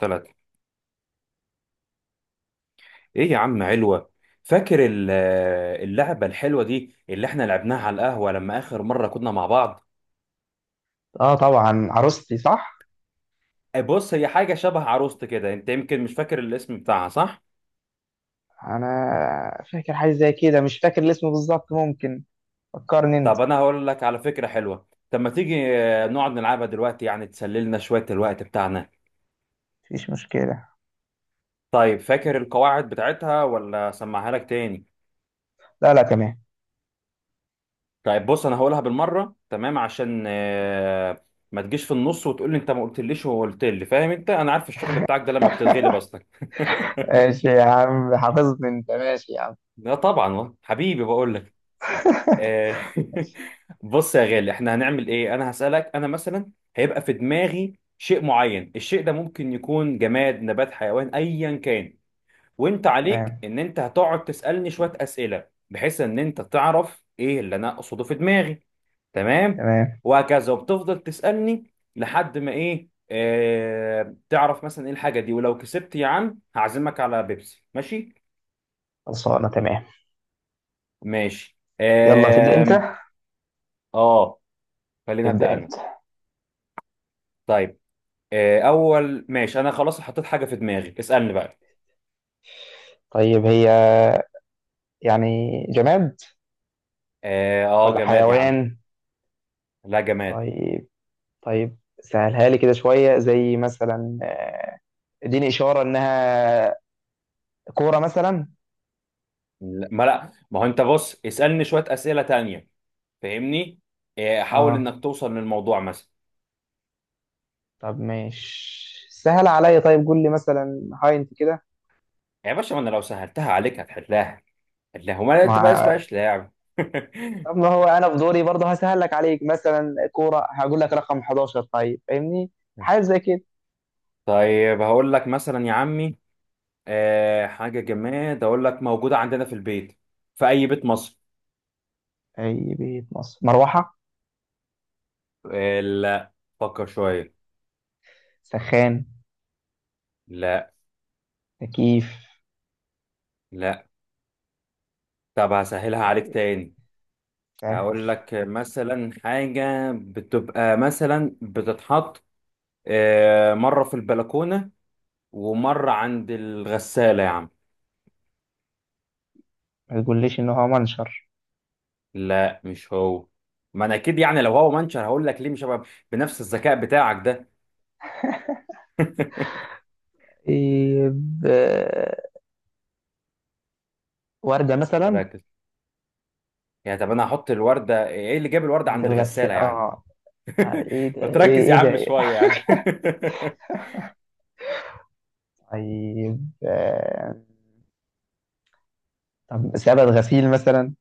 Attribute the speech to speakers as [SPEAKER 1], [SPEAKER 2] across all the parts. [SPEAKER 1] ثلاثة. ايه يا عم علوة؟ فاكر اللعبة الحلوة دي اللي احنا لعبناها على القهوة لما اخر مرة كنا مع بعض.
[SPEAKER 2] اه طبعا عروستي صح.
[SPEAKER 1] أي، بص، هي حاجة شبه عروست كده، انت يمكن مش فاكر الاسم بتاعها، صح؟
[SPEAKER 2] انا فاكر حاجه زي كده، مش فاكر الاسم بالظبط. ممكن فكرني انت؟
[SPEAKER 1] طب انا هقول لك على فكرة حلوة. طب ما تيجي نقعد نلعبها دلوقتي، يعني تسللنا شوية الوقت بتاعنا.
[SPEAKER 2] مفيش مشكله.
[SPEAKER 1] طيب، فاكر القواعد بتاعتها ولا اسمعها لك تاني؟
[SPEAKER 2] لا لا تمام.
[SPEAKER 1] طيب بص، انا هقولها بالمرة تمام، عشان ما تجيش في النص وتقول لي انت ما قلتليش، وقلت لي فاهم. انت انا عارف الشغل بتاعك ده لما بتتغلب اصلا.
[SPEAKER 2] ماشي يا عم، حافظني انت ماشي يا عم.
[SPEAKER 1] لا طبعا والله. حبيبي بقول لك. آه،
[SPEAKER 2] ماشي.
[SPEAKER 1] بص يا غالي، احنا هنعمل ايه. انا هسألك، انا مثلا هيبقى في دماغي شيء معين. الشيء ده ممكن يكون جماد، نبات، حيوان، ايا كان. وانت عليك
[SPEAKER 2] تمام
[SPEAKER 1] ان انت هتقعد تسألني شوية أسئلة بحيث ان انت تعرف ايه اللي انا اقصده في دماغي. تمام
[SPEAKER 2] تمام.
[SPEAKER 1] وهكذا، وبتفضل تسألني لحد ما ايه تعرف مثلا ايه الحاجة دي. ولو كسبت يا عم هعزمك على بيبسي، ماشي؟
[SPEAKER 2] خلصانه تمام.
[SPEAKER 1] ماشي.
[SPEAKER 2] يلا تبدا انت،
[SPEAKER 1] اه، خليني ابدا
[SPEAKER 2] تبدا
[SPEAKER 1] انا.
[SPEAKER 2] انت.
[SPEAKER 1] طيب اول ماشي، انا خلاص حطيت حاجه في دماغي، اسالني بقى.
[SPEAKER 2] طيب هي يعني جماد
[SPEAKER 1] اه
[SPEAKER 2] ولا
[SPEAKER 1] جماد يا عم.
[SPEAKER 2] حيوان؟
[SPEAKER 1] لا، جماد.
[SPEAKER 2] طيب طيب، سهلها لي كده شويه، زي مثلا اديني اشاره انها كوره مثلا.
[SPEAKER 1] لا ما هو انت بص، اسالني شويه اسئله تانية، فاهمني حاول
[SPEAKER 2] اه
[SPEAKER 1] انك توصل للموضوع مثلا.
[SPEAKER 2] طب ماشي، سهل عليا. طيب قول لي مثلا هاينت كده
[SPEAKER 1] يا باشا، ما انا لو سهلتها عليك هتحلها. وما انت بقى
[SPEAKER 2] مع.
[SPEAKER 1] اسمهاش لعب.
[SPEAKER 2] طب ما هو انا في دوري برضه هسهل لك عليك، مثلا كوره هقول لك رقم 11، طيب فاهمني؟ حاجه زي كده.
[SPEAKER 1] طيب هقول لك مثلا، يا عمي حاجه جماد، اقول لك موجوده عندنا في البيت. في اي بيت مصر.
[SPEAKER 2] اي بيت مصر؟ مروحه؟
[SPEAKER 1] لا. فكر شويه.
[SPEAKER 2] سخان؟
[SPEAKER 1] لا.
[SPEAKER 2] تكييف؟
[SPEAKER 1] لا. طب هسهلها عليك
[SPEAKER 2] طيب
[SPEAKER 1] تاني.
[SPEAKER 2] سهل.
[SPEAKER 1] هقول لك مثلا حاجة بتبقى مثلا بتتحط مرة في البلكونة، ومرة عند الغسالة يا عم.
[SPEAKER 2] ما تقوليش ان هو منشر؟
[SPEAKER 1] لا مش هو. ما انا اكيد يعني لو هو منشر هقول لك، ليه مش هبقى بنفس الذكاء بتاعك ده؟
[SPEAKER 2] إيه ب... ورده مثلا؟
[SPEAKER 1] ركز. يعني طب انا هحط الوردة، ايه اللي جاب الوردة
[SPEAKER 2] عند
[SPEAKER 1] عند الغسالة
[SPEAKER 2] الغسالة
[SPEAKER 1] يعني؟
[SPEAKER 2] اه. ايه ده؟
[SPEAKER 1] بتركز يا
[SPEAKER 2] إيه
[SPEAKER 1] عم
[SPEAKER 2] ده؟
[SPEAKER 1] شوية يعني.
[SPEAKER 2] طيب طب سبت غسيل مثلا؟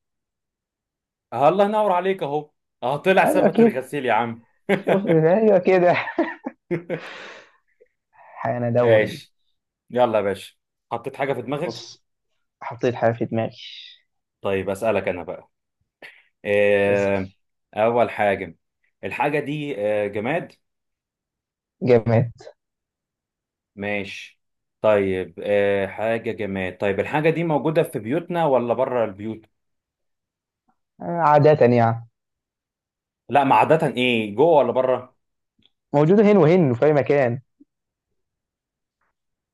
[SPEAKER 1] الله ينور عليك اهو. اه، طلع
[SPEAKER 2] ايوه
[SPEAKER 1] ثبت
[SPEAKER 2] كده.
[SPEAKER 1] الغسيل يا عم.
[SPEAKER 2] شوف ايوه كده. حان دوري.
[SPEAKER 1] ايش. يلا يا باشا، حطيت حاجة في دماغك.
[SPEAKER 2] بص، حطيت حاجة في دماغي.
[SPEAKER 1] طيب أسألك أنا بقى.
[SPEAKER 2] اسأل.
[SPEAKER 1] إيه؟ أول حاجة، الحاجة دي جماد؟
[SPEAKER 2] جماد.
[SPEAKER 1] ماشي. طيب إيه حاجة جماد. طيب الحاجة دي موجودة في بيوتنا ولا بره البيوت؟
[SPEAKER 2] عادة يعني.
[SPEAKER 1] لا ما عادة، إيه جوه ولا بره؟
[SPEAKER 2] موجودة هنا وهنا في أي مكان.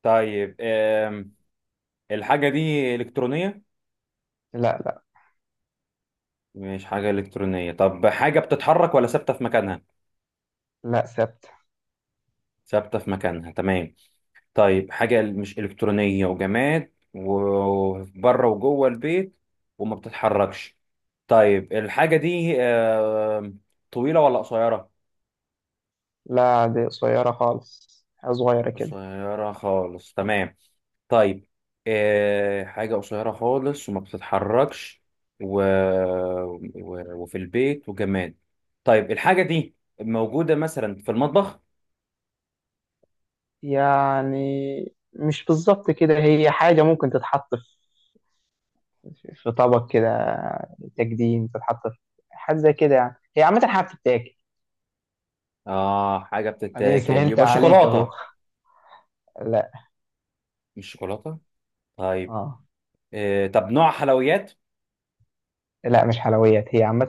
[SPEAKER 1] طيب إيه. الحاجة دي إلكترونية؟
[SPEAKER 2] لا لا.
[SPEAKER 1] مش حاجة إلكترونية. طب حاجة بتتحرك ولا ثابتة في مكانها؟
[SPEAKER 2] لا ثابتة.
[SPEAKER 1] ثابتة في مكانها، تمام. طيب حاجة مش إلكترونية وجماد وبره وجوه البيت، وما بتتحركش. طيب الحاجة دي طويلة ولا قصيرة؟
[SPEAKER 2] لا دي قصيرة خالص، حاجة صغيرة كده.
[SPEAKER 1] قصيرة خالص، تمام. طيب حاجة قصيرة خالص وما بتتحركش و... و... وفي البيت وجماد. طيب الحاجة دي موجودة مثلا في المطبخ؟
[SPEAKER 2] يعني مش بالظبط كده، هي حاجة ممكن تتحط في طبق كده تقديم، تتحط في حاجة زي كده يعني. هي عامة حاجة بتتاكل.
[SPEAKER 1] آه حاجة
[SPEAKER 2] أدي
[SPEAKER 1] بتتاكل،
[SPEAKER 2] سهلت
[SPEAKER 1] يبقى
[SPEAKER 2] عليك أهو.
[SPEAKER 1] شوكولاتة.
[SPEAKER 2] لا.
[SPEAKER 1] مش شوكولاتة؟ طيب
[SPEAKER 2] اه.
[SPEAKER 1] طب نوع حلويات؟
[SPEAKER 2] لا مش حلويات، هي عامة.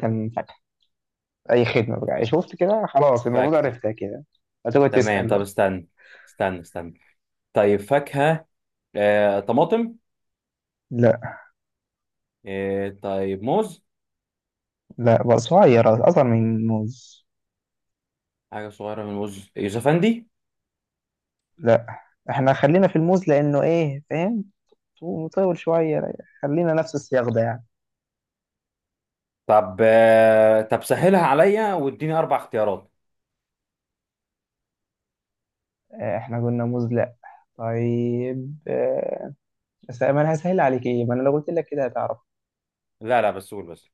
[SPEAKER 2] اي خدمه بقى، شفت كده؟ خلاص، المفروض
[SPEAKER 1] فاكهة.
[SPEAKER 2] عرفتها كده. هتقعد
[SPEAKER 1] تمام.
[SPEAKER 2] تسال
[SPEAKER 1] طب
[SPEAKER 2] بقى.
[SPEAKER 1] استنى. استنى استنى. طيب فاكهة طماطم.
[SPEAKER 2] لا.
[SPEAKER 1] طيب موز.
[SPEAKER 2] لا بقى صغير، اصغر من الموز.
[SPEAKER 1] حاجة صغيرة من موز، يوسفندي.
[SPEAKER 2] لا احنا خلينا في الموز لانه ايه فاهم، مطول شويه. خلينا نفس السياق ده يعني.
[SPEAKER 1] طب طب سهلها عليا واديني أربع اختيارات.
[SPEAKER 2] احنا قلنا موز لا. طيب بس ما انا هسهل عليك ايه، ما انا لو قلت لك كده هتعرف.
[SPEAKER 1] لا لا بس قول، بس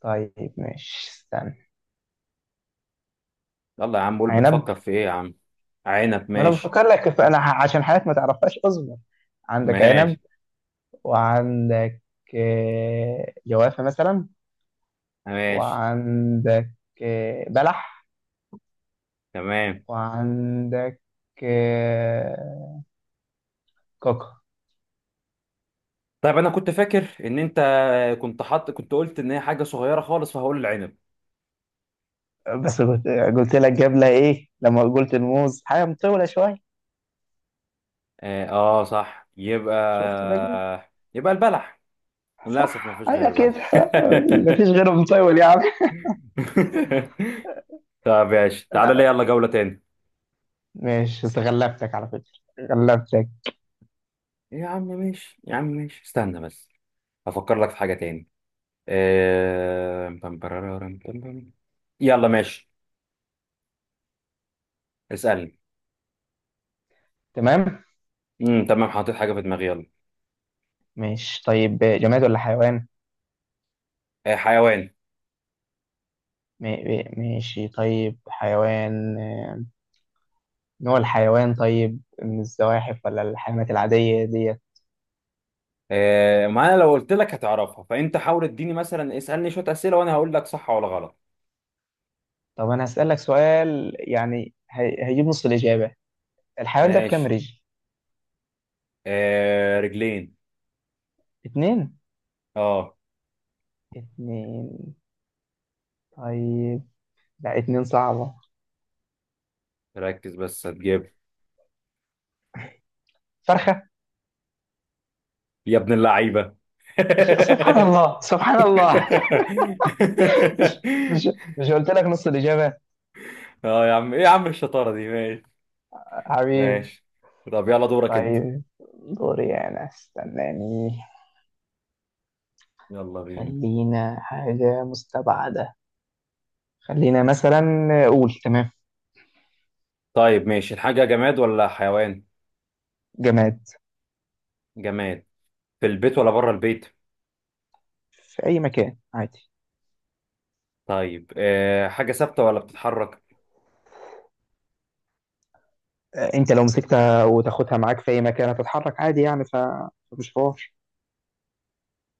[SPEAKER 2] طيب ماشي استنى.
[SPEAKER 1] يلا يا عم قول،
[SPEAKER 2] عنب.
[SPEAKER 1] بتفكر في إيه يا عم. عنب؟
[SPEAKER 2] ما انا
[SPEAKER 1] ماشي.
[SPEAKER 2] بفكر لك في- انا ح- عشان حالات ما تعرفهاش اصبر. عندك عنب،
[SPEAKER 1] ماشي.
[SPEAKER 2] وعندك جوافه مثلا،
[SPEAKER 1] ماشي.
[SPEAKER 2] وعندك بلح،
[SPEAKER 1] تمام.
[SPEAKER 2] وعندك آه، كوكو.
[SPEAKER 1] طيب أنا كنت فاكر إن أنت كنت حاط، كنت قلت إن هي حاجة صغيرة خالص، فهقول العنب.
[SPEAKER 2] بس قلت، قلت لك جبلة ايه لما قلت الموز حاجة مطولة شوية.
[SPEAKER 1] آه، صح، يبقى
[SPEAKER 2] شفت بقى.
[SPEAKER 1] يبقى البلح. للأسف ما
[SPEAKER 2] صح
[SPEAKER 1] فيش
[SPEAKER 2] ايوه
[SPEAKER 1] غير
[SPEAKER 2] كده.
[SPEAKER 1] البلح.
[SPEAKER 2] مفيش غيره مطول يا عم.
[SPEAKER 1] طب ماشي، تعالى لي
[SPEAKER 2] لا
[SPEAKER 1] يلا جولة تاني.
[SPEAKER 2] ماشي، بس غلبتك على فكرة، غلبتك.
[SPEAKER 1] يا عم ماشي، يا عم ماشي، استنى بس أفكر لك في حاجة تاني. بام برارارام بام بام. يلا ماشي، اسألني.
[SPEAKER 2] تمام.
[SPEAKER 1] تمام، حاطط حاجة في دماغي، يلا.
[SPEAKER 2] ماشي طيب جماد ولا حيوان؟
[SPEAKER 1] حيوان.
[SPEAKER 2] ماشي طيب حيوان. نوع الحيوان طيب، من الزواحف ولا الحيوانات العادية دي؟
[SPEAKER 1] ما أنا لو قلت لك هتعرفها، فأنت حاول اديني مثلا اسألني شوية أسئلة، وأنا هقول لك صح ولا غلط.
[SPEAKER 2] طب انا هسألك سؤال يعني هيجيب نص الإجابة. الحيوان ده بكام
[SPEAKER 1] ماشي
[SPEAKER 2] رجل؟
[SPEAKER 1] رجلين.
[SPEAKER 2] اتنين؟
[SPEAKER 1] اه.
[SPEAKER 2] اتنين طيب. لا اتنين صعبة.
[SPEAKER 1] ركز بس هتجيب.
[SPEAKER 2] فرخة.
[SPEAKER 1] يا ابن اللعيبة.
[SPEAKER 2] سبحان الله سبحان الله. مش مش مش قلت لك نص الإجابة؟
[SPEAKER 1] اه يا عم، ايه يا عم الشطارة دي. ماشي.
[SPEAKER 2] حبيبي.
[SPEAKER 1] ماشي. طب يلا دورك انت.
[SPEAKER 2] طيب دوري أنا، استناني.
[SPEAKER 1] يلا بينا.
[SPEAKER 2] خلينا حاجة مستبعدة. خلينا مثلا. قول تمام.
[SPEAKER 1] طيب ماشي، الحاجة جماد ولا حيوان؟
[SPEAKER 2] جماد.
[SPEAKER 1] جماد. في البيت ولا بره البيت؟
[SPEAKER 2] في أي مكان عادي.
[SPEAKER 1] طيب أه حاجة ثابتة ولا بتتحرك؟
[SPEAKER 2] أنت لو مسكتها وتاخدها معاك في أي مكان هتتحرك عادي يعني، فمش حوار.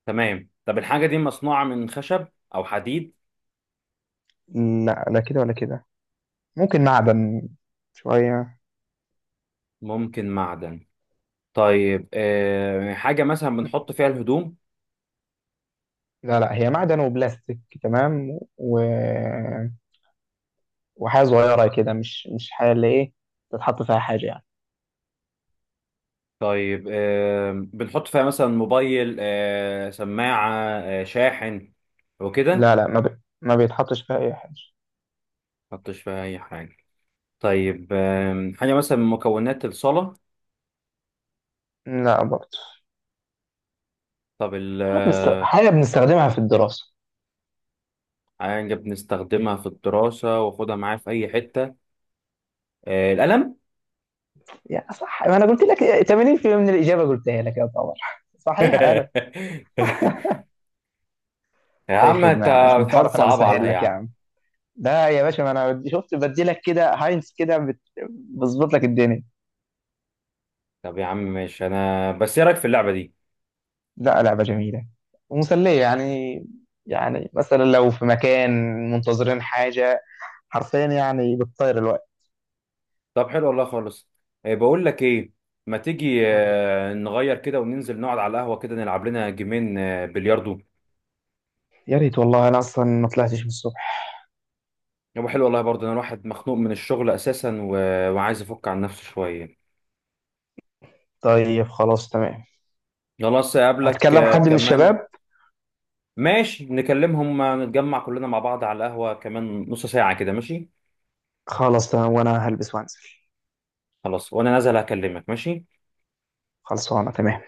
[SPEAKER 1] تمام. طب الحاجة دي مصنوعة من خشب او حديد؟
[SPEAKER 2] لا لا كده ولا كده. ممكن معدن شوية.
[SPEAKER 1] ممكن معدن. طيب أه حاجة مثلا بنحط فيها الهدوم؟
[SPEAKER 2] لا هي معدن وبلاستيك تمام، وحاجة صغيرة كده، مش مش حاجة اللي إيه تتحط فيها حاجة يعني.
[SPEAKER 1] طيب أه بنحط فيها مثلا موبايل، أه سماعة، أه شاحن، وكده.
[SPEAKER 2] لا ما بيتحطش فيها أي حاجة.
[SPEAKER 1] حطش فيها اي حاجه. طيب حاجه مثلا من مكونات الصلاه.
[SPEAKER 2] لا برضه.
[SPEAKER 1] طب ال آه،
[SPEAKER 2] حاجة بنستخدمها في الدراسة.
[SPEAKER 1] حاجه بنستخدمها في الدراسه، واخدها معايا في اي حته القلم.
[SPEAKER 2] يعني صح، ما أنا قلت لك 80% من الإجابة قلتها لك، يا طبعا صحيح أنا.
[SPEAKER 1] يا
[SPEAKER 2] أي
[SPEAKER 1] عم انت
[SPEAKER 2] خدمة يا عم، عشان
[SPEAKER 1] بتحاول
[SPEAKER 2] تعرف أنا
[SPEAKER 1] تصعب عليها
[SPEAKER 2] بسهل
[SPEAKER 1] يا
[SPEAKER 2] لك يا
[SPEAKER 1] عم.
[SPEAKER 2] عم. لا يا باشا، ما أنا شفت بدي لك كده هاينس كده بظبط لك الدنيا.
[SPEAKER 1] طب يا عم ماشي، انا بس ايه رايك في اللعبه دي؟
[SPEAKER 2] لا لعبة جميلة ومسلية يعني. يعني مثلا لو في مكان منتظرين حاجة، حرفيا يعني بتطير الوقت.
[SPEAKER 1] طب حلو والله خالص. بقول لك ايه، ما تيجي
[SPEAKER 2] قول لي.
[SPEAKER 1] نغير كده وننزل نقعد على القهوه كده نلعب لنا جيمين بلياردو.
[SPEAKER 2] يا ريت والله، أنا أصلا ما طلعتش من الصبح.
[SPEAKER 1] يبقى حلو والله، برضه انا الواحد مخنوق من الشغل اساسا و... وعايز افك عن نفسه شويه.
[SPEAKER 2] طيب خلاص تمام.
[SPEAKER 1] خلاص اقابلك
[SPEAKER 2] هتكلم حد من
[SPEAKER 1] كمان.
[SPEAKER 2] الشباب.
[SPEAKER 1] ماشي نكلمهم نتجمع كلنا مع بعض على القهوة كمان نص ساعة كده، ماشي.
[SPEAKER 2] خلاص تمام، وأنا هلبس وأنزل.
[SPEAKER 1] خلاص، وانا نازل هكلمك، ماشي.
[SPEAKER 2] خلصانة تمام.